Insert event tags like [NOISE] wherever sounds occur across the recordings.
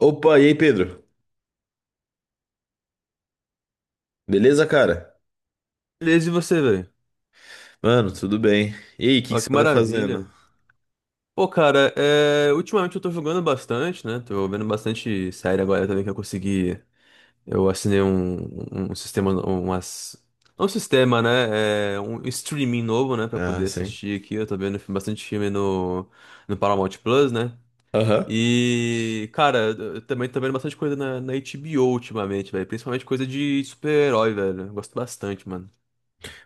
Opa, e aí, Pedro? Beleza, cara? Beleza, e você, velho? Mano, tudo bem. E aí, o que que Ó, você que anda fazendo? maravilha. Pô, cara, ultimamente eu tô jogando bastante, né? Tô vendo bastante série agora também que eu consegui. Eu assinei um sistema, umas. Não um sistema, né? É um streaming novo, né? Pra Ah, poder sim. assistir aqui. Eu tô vendo bastante filme no, no Paramount Plus, né? Aham. E, cara, eu também tô vendo bastante coisa na HBO ultimamente, velho. Principalmente coisa de super-herói, velho. Eu gosto bastante, mano.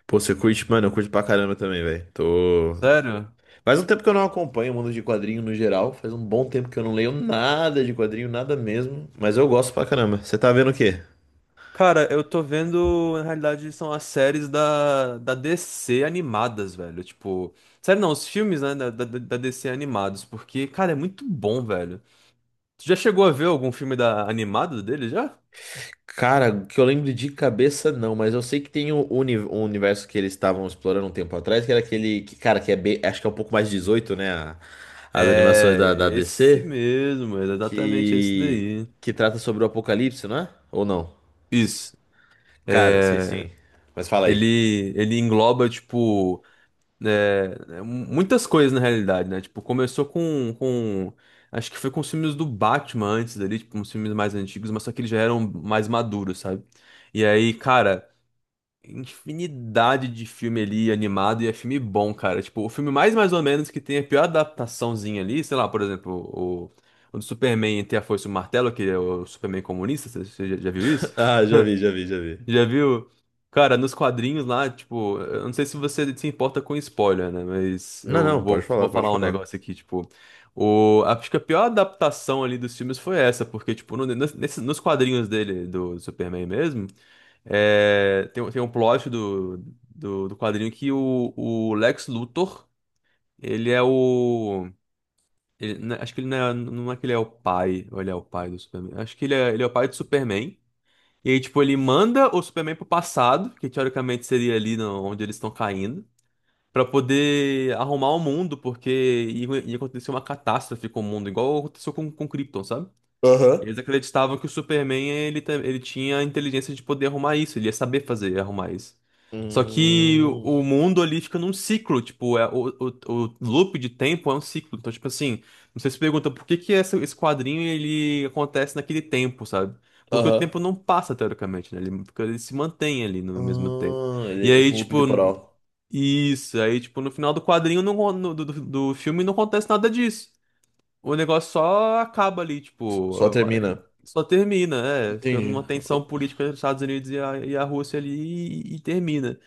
Pô, você curte, mano, eu curto pra caramba também, velho. Tô. Sério? Faz um tempo que eu não acompanho o mundo de quadrinho no geral. Faz um bom tempo que eu não leio nada de quadrinho, nada mesmo. Mas eu gosto pra caramba. Você tá vendo o quê? Cara, eu tô vendo, na realidade, são as séries da DC animadas, velho. Tipo, sério não, os filmes, né, da DC animados, porque, cara, é muito bom, velho. Tu já chegou a ver algum filme da animado dele já? Cara, o que eu lembro de cabeça não, mas eu sei que tem um, um universo que eles estavam explorando um tempo atrás, que era aquele que, cara, que é bem, acho que é um pouco mais 18, né? As animações da, É, da esse DC. mesmo, é exatamente esse que daí. que trata sobre o apocalipse, não é? Ou não? Isso. Cara, sei É, sim. Mas fala aí. ele engloba, tipo, muitas coisas na realidade, né? Tipo, começou com. Acho que foi com os filmes do Batman antes dali, tipo, uns filmes mais antigos, mas só que eles já eram mais maduros, sabe? E aí, cara, infinidade de filme ali animado e é filme bom, cara. Tipo, o filme mais ou menos que tem a pior adaptaçãozinha ali, sei lá, por exemplo, o do Superman entre a Foice e o Martelo, que é o Superman comunista, você já viu isso? [LAUGHS] Ah, já [LAUGHS] vi, já vi, já vi. Já viu? Cara, nos quadrinhos lá, tipo, eu não sei se você se importa com spoiler, né? Mas Não, eu não, pode vou, falar, vou pode falar um falar. negócio aqui, tipo. O, acho que a pior adaptação ali dos filmes foi essa, porque, tipo, nos quadrinhos dele, do Superman mesmo, é, tem um plot do quadrinho que o Lex Luthor, ele é o. Né, acho que ele não é, não é que ele é o pai, ou ele é o pai do Superman. Acho que ele é o pai do Superman. E aí, tipo, ele manda o Superman pro passado, que teoricamente seria ali onde eles estão caindo, pra poder arrumar o mundo, porque ia acontecer uma catástrofe com o mundo, igual aconteceu com Krypton, sabe? Aham. Eles acreditavam que o Superman ele tinha a inteligência de poder arrumar isso, ele ia saber fazer arrumar isso. Só que Hum. o mundo ali fica num ciclo, tipo, é, o loop de tempo é um ciclo. Então, tipo assim, você se pergunta por que que esse quadrinho ele acontece naquele tempo, sabe? Porque o Aham. tempo não passa, teoricamente, né? Ele, ele se mantém ali no mesmo tempo. Ah, E ele é aí, tipo um loop tipo, temporal. isso, aí, tipo, no final do quadrinho, do filme, não acontece nada disso. O negócio só acaba ali, tipo, Só termina. só termina, é, ficando Entendi. uma tensão política entre os Estados Unidos e e a Rússia ali e termina.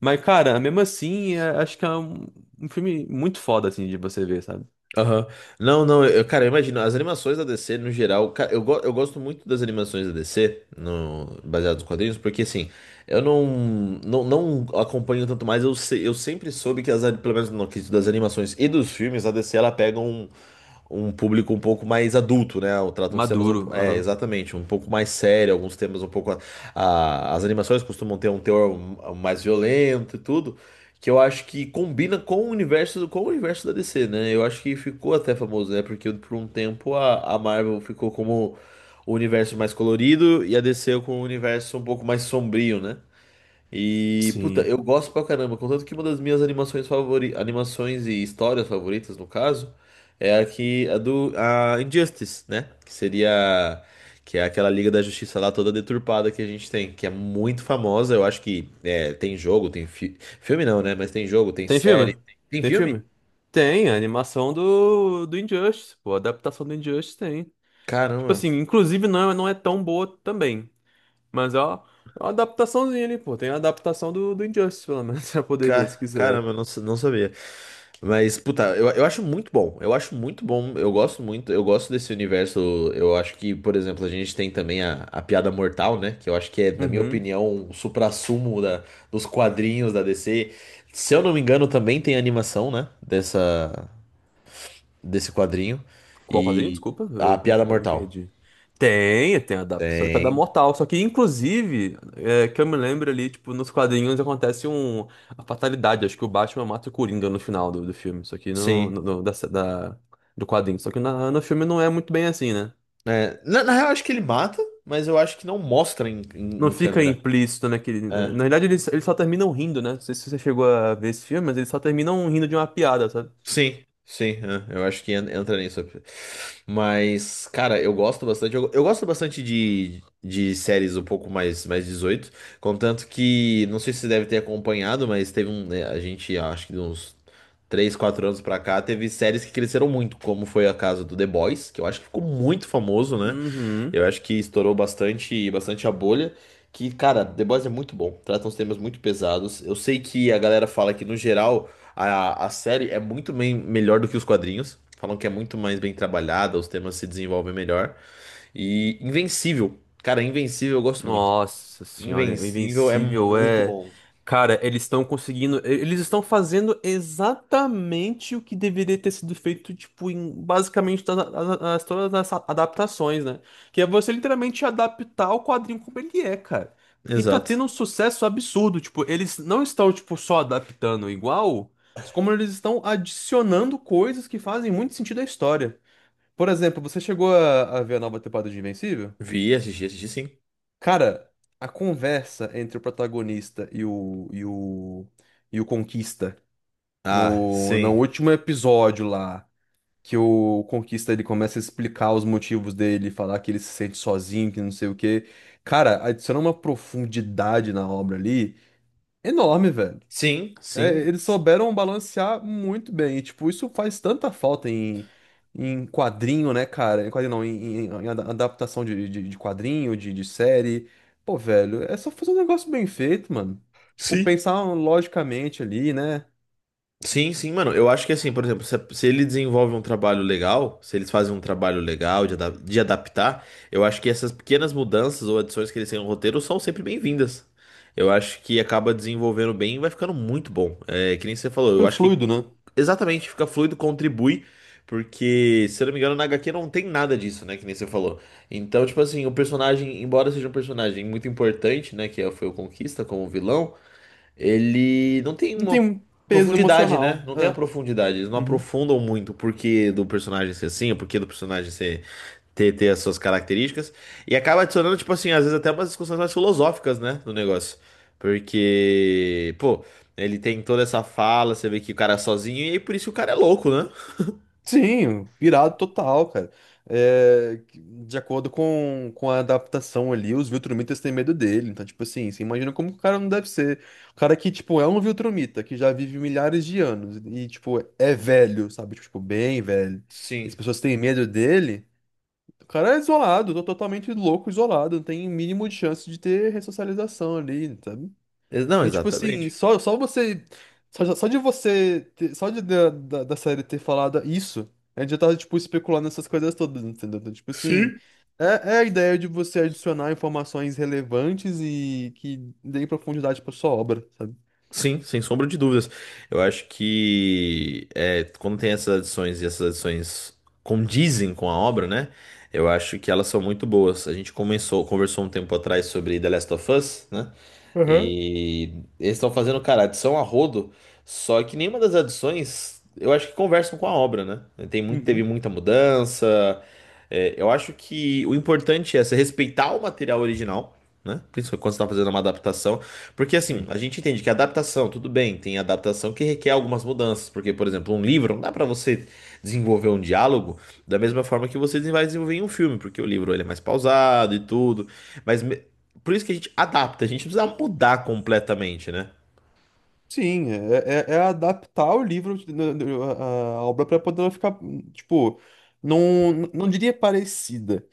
Mas, cara, mesmo assim, acho que é um, um filme muito foda, assim, de você ver, sabe? Aham. Não, não, eu, cara, eu imagino, as animações da DC, no geral, cara, eu gosto muito das animações da DC, no, baseadas nos quadrinhos, porque assim, eu não acompanho tanto mais, eu, se- eu sempre soube que pelo menos no quesito das animações e dos filmes, a DC, ela pega um público um pouco mais adulto, né? Ela trata uns temas, Maduro, é, aham. exatamente, um pouco mais sério, alguns temas um pouco, as animações costumam ter um teor mais violento e tudo, que eu acho que combina com o universo da DC, né? Eu acho que ficou até famoso, né? Porque por um tempo a Marvel ficou como o universo mais colorido e a DC com o universo um pouco mais sombrio, né? E, puta, Sim. eu gosto pra caramba. Contanto que uma das minhas animações animações e histórias favoritas, no caso, é a que a do a Injustice, né? Que seria que é aquela Liga da Justiça lá toda deturpada que a gente tem, que é muito famosa. Eu acho que é, tem jogo, tem filme não, né? Mas tem jogo, tem Tem série, filme? tem, tem Tem filme? filme? Tem, a animação do Injustice, pô, a adaptação do Injustice tem. Tipo Caramba. assim, inclusive não, não é tão boa também, mas ó. É uma adaptaçãozinha ali, pô. Tem a adaptação do Injustice, pelo menos, [LAUGHS] pra poder ver se quiser. Caramba, eu não sabia. Mas, puta, eu acho muito bom. Eu acho muito bom. Eu gosto muito. Eu gosto desse universo. Eu acho que, por exemplo, a gente tem também a Piada Mortal, né? Que eu acho que é, na minha Uhum. opinião, um suprassumo da, dos quadrinhos da DC. Se eu não me engano, também tem animação, né? Desse quadrinho. Qual quadrinho? E Desculpa, a eu como que Piada eu me Mortal. perdi. Tem, tem adaptações pra dar Tem. mortal. Só que, inclusive, é, que eu me lembro ali, tipo, nos quadrinhos acontece um, a fatalidade. Acho que o Batman mata o Coringa no final do filme. Só que Sim. Do quadrinho. Só que no filme não é muito bem assim, né? É, na, na real, acho que ele mata, mas eu acho que não mostra em, em, Não em fica câmera. implícito naquele. Né? É. Na verdade, eles só terminam rindo, né? Não sei se você chegou a ver esse filme, mas eles só terminam rindo de uma piada, sabe? Sim, sim, é, eu acho que entra nisso. Mas, cara, eu gosto bastante. Eu gosto bastante de séries um pouco mais, mais 18. Contanto que, não sei se você deve ter acompanhado, mas teve um, né? Acho que de uns 3 4 anos pra cá, teve séries que cresceram muito, como foi a casa do The Boys, que eu acho que ficou muito famoso, né? Uhum. Eu acho que estourou bastante, bastante a bolha. Que, cara, The Boys é muito bom. Trata uns temas muito pesados. Eu sei que a galera fala que, no geral, a série é muito bem, melhor do que os quadrinhos. Falam que é muito mais bem trabalhada, os temas se desenvolvem melhor. E Invencível. Cara, Invencível eu gosto muito. Nossa senhora, o Invencível é Invencível muito é. bom. Cara, eles estão conseguindo. Eles estão fazendo exatamente o que deveria ter sido feito, tipo, em basicamente todas todas as adaptações, né? Que é você literalmente adaptar o quadrinho como ele é, cara. E tá Exato. tendo um sucesso absurdo. Tipo, eles não estão, tipo, só adaptando igual, como eles estão adicionando coisas que fazem muito sentido à história. Por exemplo, você chegou a ver a nova temporada de Invencível? Vi, assisti, assisti sim. Cara, a conversa entre o protagonista e o Conquista Ah, no sim. último episódio lá, que o Conquista ele começa a explicar os motivos dele, falar que ele se sente sozinho, que não sei o quê. Cara, adiciona uma profundidade na obra ali enorme, velho. Sim, É, sim. eles souberam balancear muito bem. E, tipo, isso faz tanta falta em, em quadrinho, né, cara? Em quadrinho não, adaptação de quadrinho, de série. Pô, velho, é só fazer um negócio bem feito, mano. Tipo, Sim. pensar logicamente ali, né? Sim, sim, mano. Eu acho que assim, por exemplo, se ele desenvolve um trabalho legal, se eles fazem um trabalho legal de adaptar, eu acho que essas pequenas mudanças ou adições que eles têm no roteiro são sempre bem-vindas. Eu acho que acaba desenvolvendo bem e vai ficando muito bom. É, que nem você falou, eu Super acho que Fluido, né? exatamente fica fluido, contribui, porque, se eu não me engano, na HQ não tem nada disso, né? Que nem você falou. Então, tipo assim, o personagem, embora seja um personagem muito importante, né? Que foi o Conquista como vilão, ele não tem Não tem uma um peso profundidade, né? emocional. Não tem a É. profundidade. Eles não Uhum. aprofundam muito o porquê do personagem ser assim, o porquê do personagem ter as suas características. E acaba adicionando, tipo assim, às vezes até umas discussões mais filosóficas, né? No negócio. Porque, pô, ele tem toda essa fala, você vê que o cara é sozinho, e aí por isso o cara é louco, né? Sim, pirado total, cara. É, de acordo com a adaptação ali, os Viltrumitas têm medo dele. Então, tipo assim, você imagina como que o cara não deve ser. O cara que, tipo, é um Viltrumita, que já vive milhares de anos e, tipo, é velho, sabe? Tipo, bem velho. E as Sim. pessoas têm medo dele. O cara é isolado, totalmente louco, isolado. Não tem mínimo de chance de ter ressocialização ali, sabe? Não, E tipo assim, exatamente. Só você. Só de você. Ter- só de, da, da, da série ter falado isso, a gente já tava, tipo, especulando essas coisas todas, entendeu? Então, tipo assim. Sim. É, é a ideia de você adicionar informações relevantes e que deem profundidade pra sua obra, sabe? Sim, sem sombra de dúvidas. Eu acho que é, quando tem essas adições e essas adições condizem com a obra, né? Eu acho que elas são muito boas. A gente começou, conversou um tempo atrás sobre The Last of Us, né? Aham. E eles estão fazendo, cara, adição a rodo, só que nenhuma das adições eu acho que conversam com a obra, né? Tem muito, teve Uhum, muita mudança. É, eu acho que o importante é você respeitar o material original, né? Principalmente quando você está fazendo uma adaptação. Porque assim, sim. a gente entende que adaptação, tudo bem, tem adaptação que requer algumas mudanças, porque, por exemplo, um livro não dá pra você desenvolver um diálogo da mesma forma que você vai desenvolver em um filme, porque o livro ele é mais pausado e tudo, mas me- por isso que a gente adapta, a gente não precisa mudar completamente, né? Sim, é adaptar o livro, né, a obra para poder ela ficar, tipo, não, não diria parecida.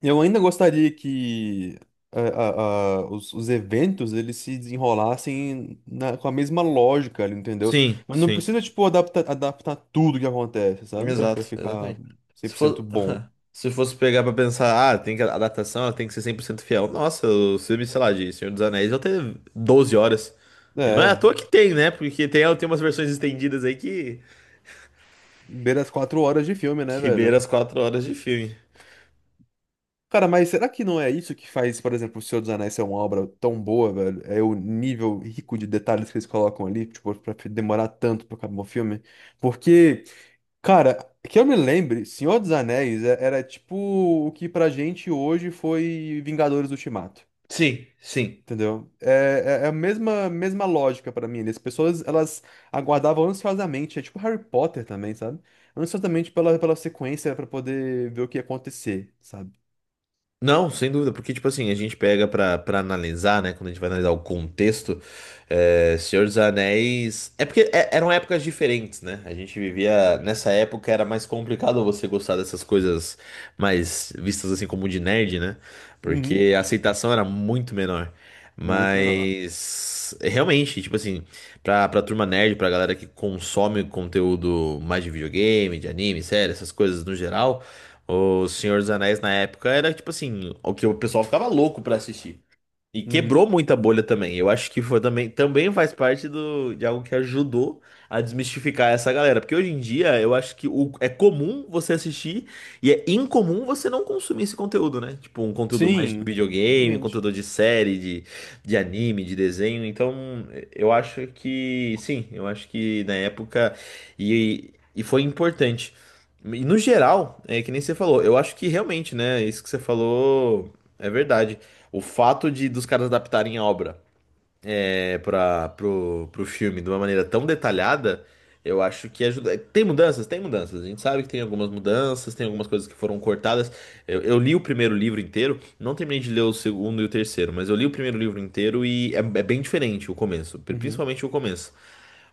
Eu ainda gostaria que a- a- os eventos eles se desenrolassem com a mesma lógica, ali, entendeu? Sim, Mas não sim. precisa, tipo, adaptar tudo que acontece, sabe? Exato, Pra ficar exatamente. cem Se por fosse, cento bom. [LAUGHS] se fosse pegar pra pensar, ah, tem que, a adaptação ela tem que ser 100% fiel. Nossa, o filme, sei lá, de Senhor dos Anéis, eu tenho 12 horas. E não é à É, toa que tem, né? Porque tem, tem umas versões estendidas aí beira as 4 horas de filme, né, que beira velho? as 4 horas de filme. Cara, mas será que não é isso que faz, por exemplo, O Senhor dos Anéis ser uma obra tão boa, velho? É o nível rico de detalhes que eles colocam ali, tipo, pra demorar tanto pra acabar o filme? Porque Cara, que eu me lembre, Senhor dos Anéis era tipo o que pra gente hoje foi Vingadores Ultimato. Sim, sim. Entendeu? É, é a mesma, mesma lógica pra mim. Ali. As pessoas, elas aguardavam ansiosamente, é tipo Harry Potter também, sabe? Ansiosamente pela sequência pra poder ver o que ia acontecer, sabe? Não, sem dúvida, porque, tipo assim, a gente pega pra, pra analisar, né? Quando a gente vai analisar o contexto, é, Senhor dos Anéis. É porque eram épocas diferentes, né? A gente vivia. Nessa época era mais complicado você gostar dessas coisas mais vistas assim como de nerd, né? Uhum. Porque a aceitação era muito menor. Muito menor. Mas. Realmente, tipo assim, pra, pra turma nerd, pra galera que consome conteúdo mais de videogame, de anime, série, essas coisas no geral. O Senhor dos Anéis na época era tipo assim, o que o pessoal ficava louco pra assistir. E Uhum. quebrou muita bolha também. Eu acho que foi também, também faz parte do, de algo que ajudou a desmistificar essa galera. Porque hoje em dia eu acho que o, é comum você assistir e é incomum você não consumir esse conteúdo, né? Tipo, um conteúdo mais de Sim, videogame, um exatamente. conteúdo de série, de anime, de desenho. Então, eu acho que sim, eu acho que na época e foi importante. E no geral, é que nem você falou, eu acho que realmente, né? Isso que você falou é verdade. O fato de dos caras adaptarem a obra é, para pro, pro filme de uma maneira tão detalhada, eu acho que ajuda. Tem mudanças? Tem mudanças. A gente sabe que tem algumas mudanças, tem algumas coisas que foram cortadas. Eu li o primeiro livro inteiro, não terminei de ler o segundo e o terceiro, mas eu li o primeiro livro inteiro e é, é bem diferente o começo, Uhum. principalmente o começo.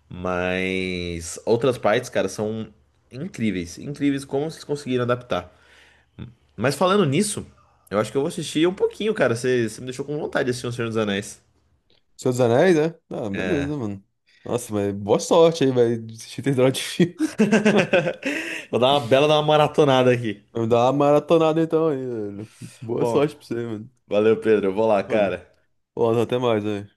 Mas outras partes, cara, são incríveis, incríveis como vocês conseguiram adaptar. Mas falando nisso, eu acho que eu vou assistir um pouquinho, cara. Você, você me deixou com vontade de assistir O Senhor dos Anéis. Senhor dos Anéis, né? Ah, beleza, mano. Nossa, mas boa sorte aí, vai assistir esse droga de filme. [LAUGHS] [LAUGHS] Vou dar uma maratonada aqui. Vou dar uma maratonada então aí, velho. Boa Bom, sorte pra você, mano. valeu, Pedro. Eu vou lá, Mano, cara. olá, até mais, velho.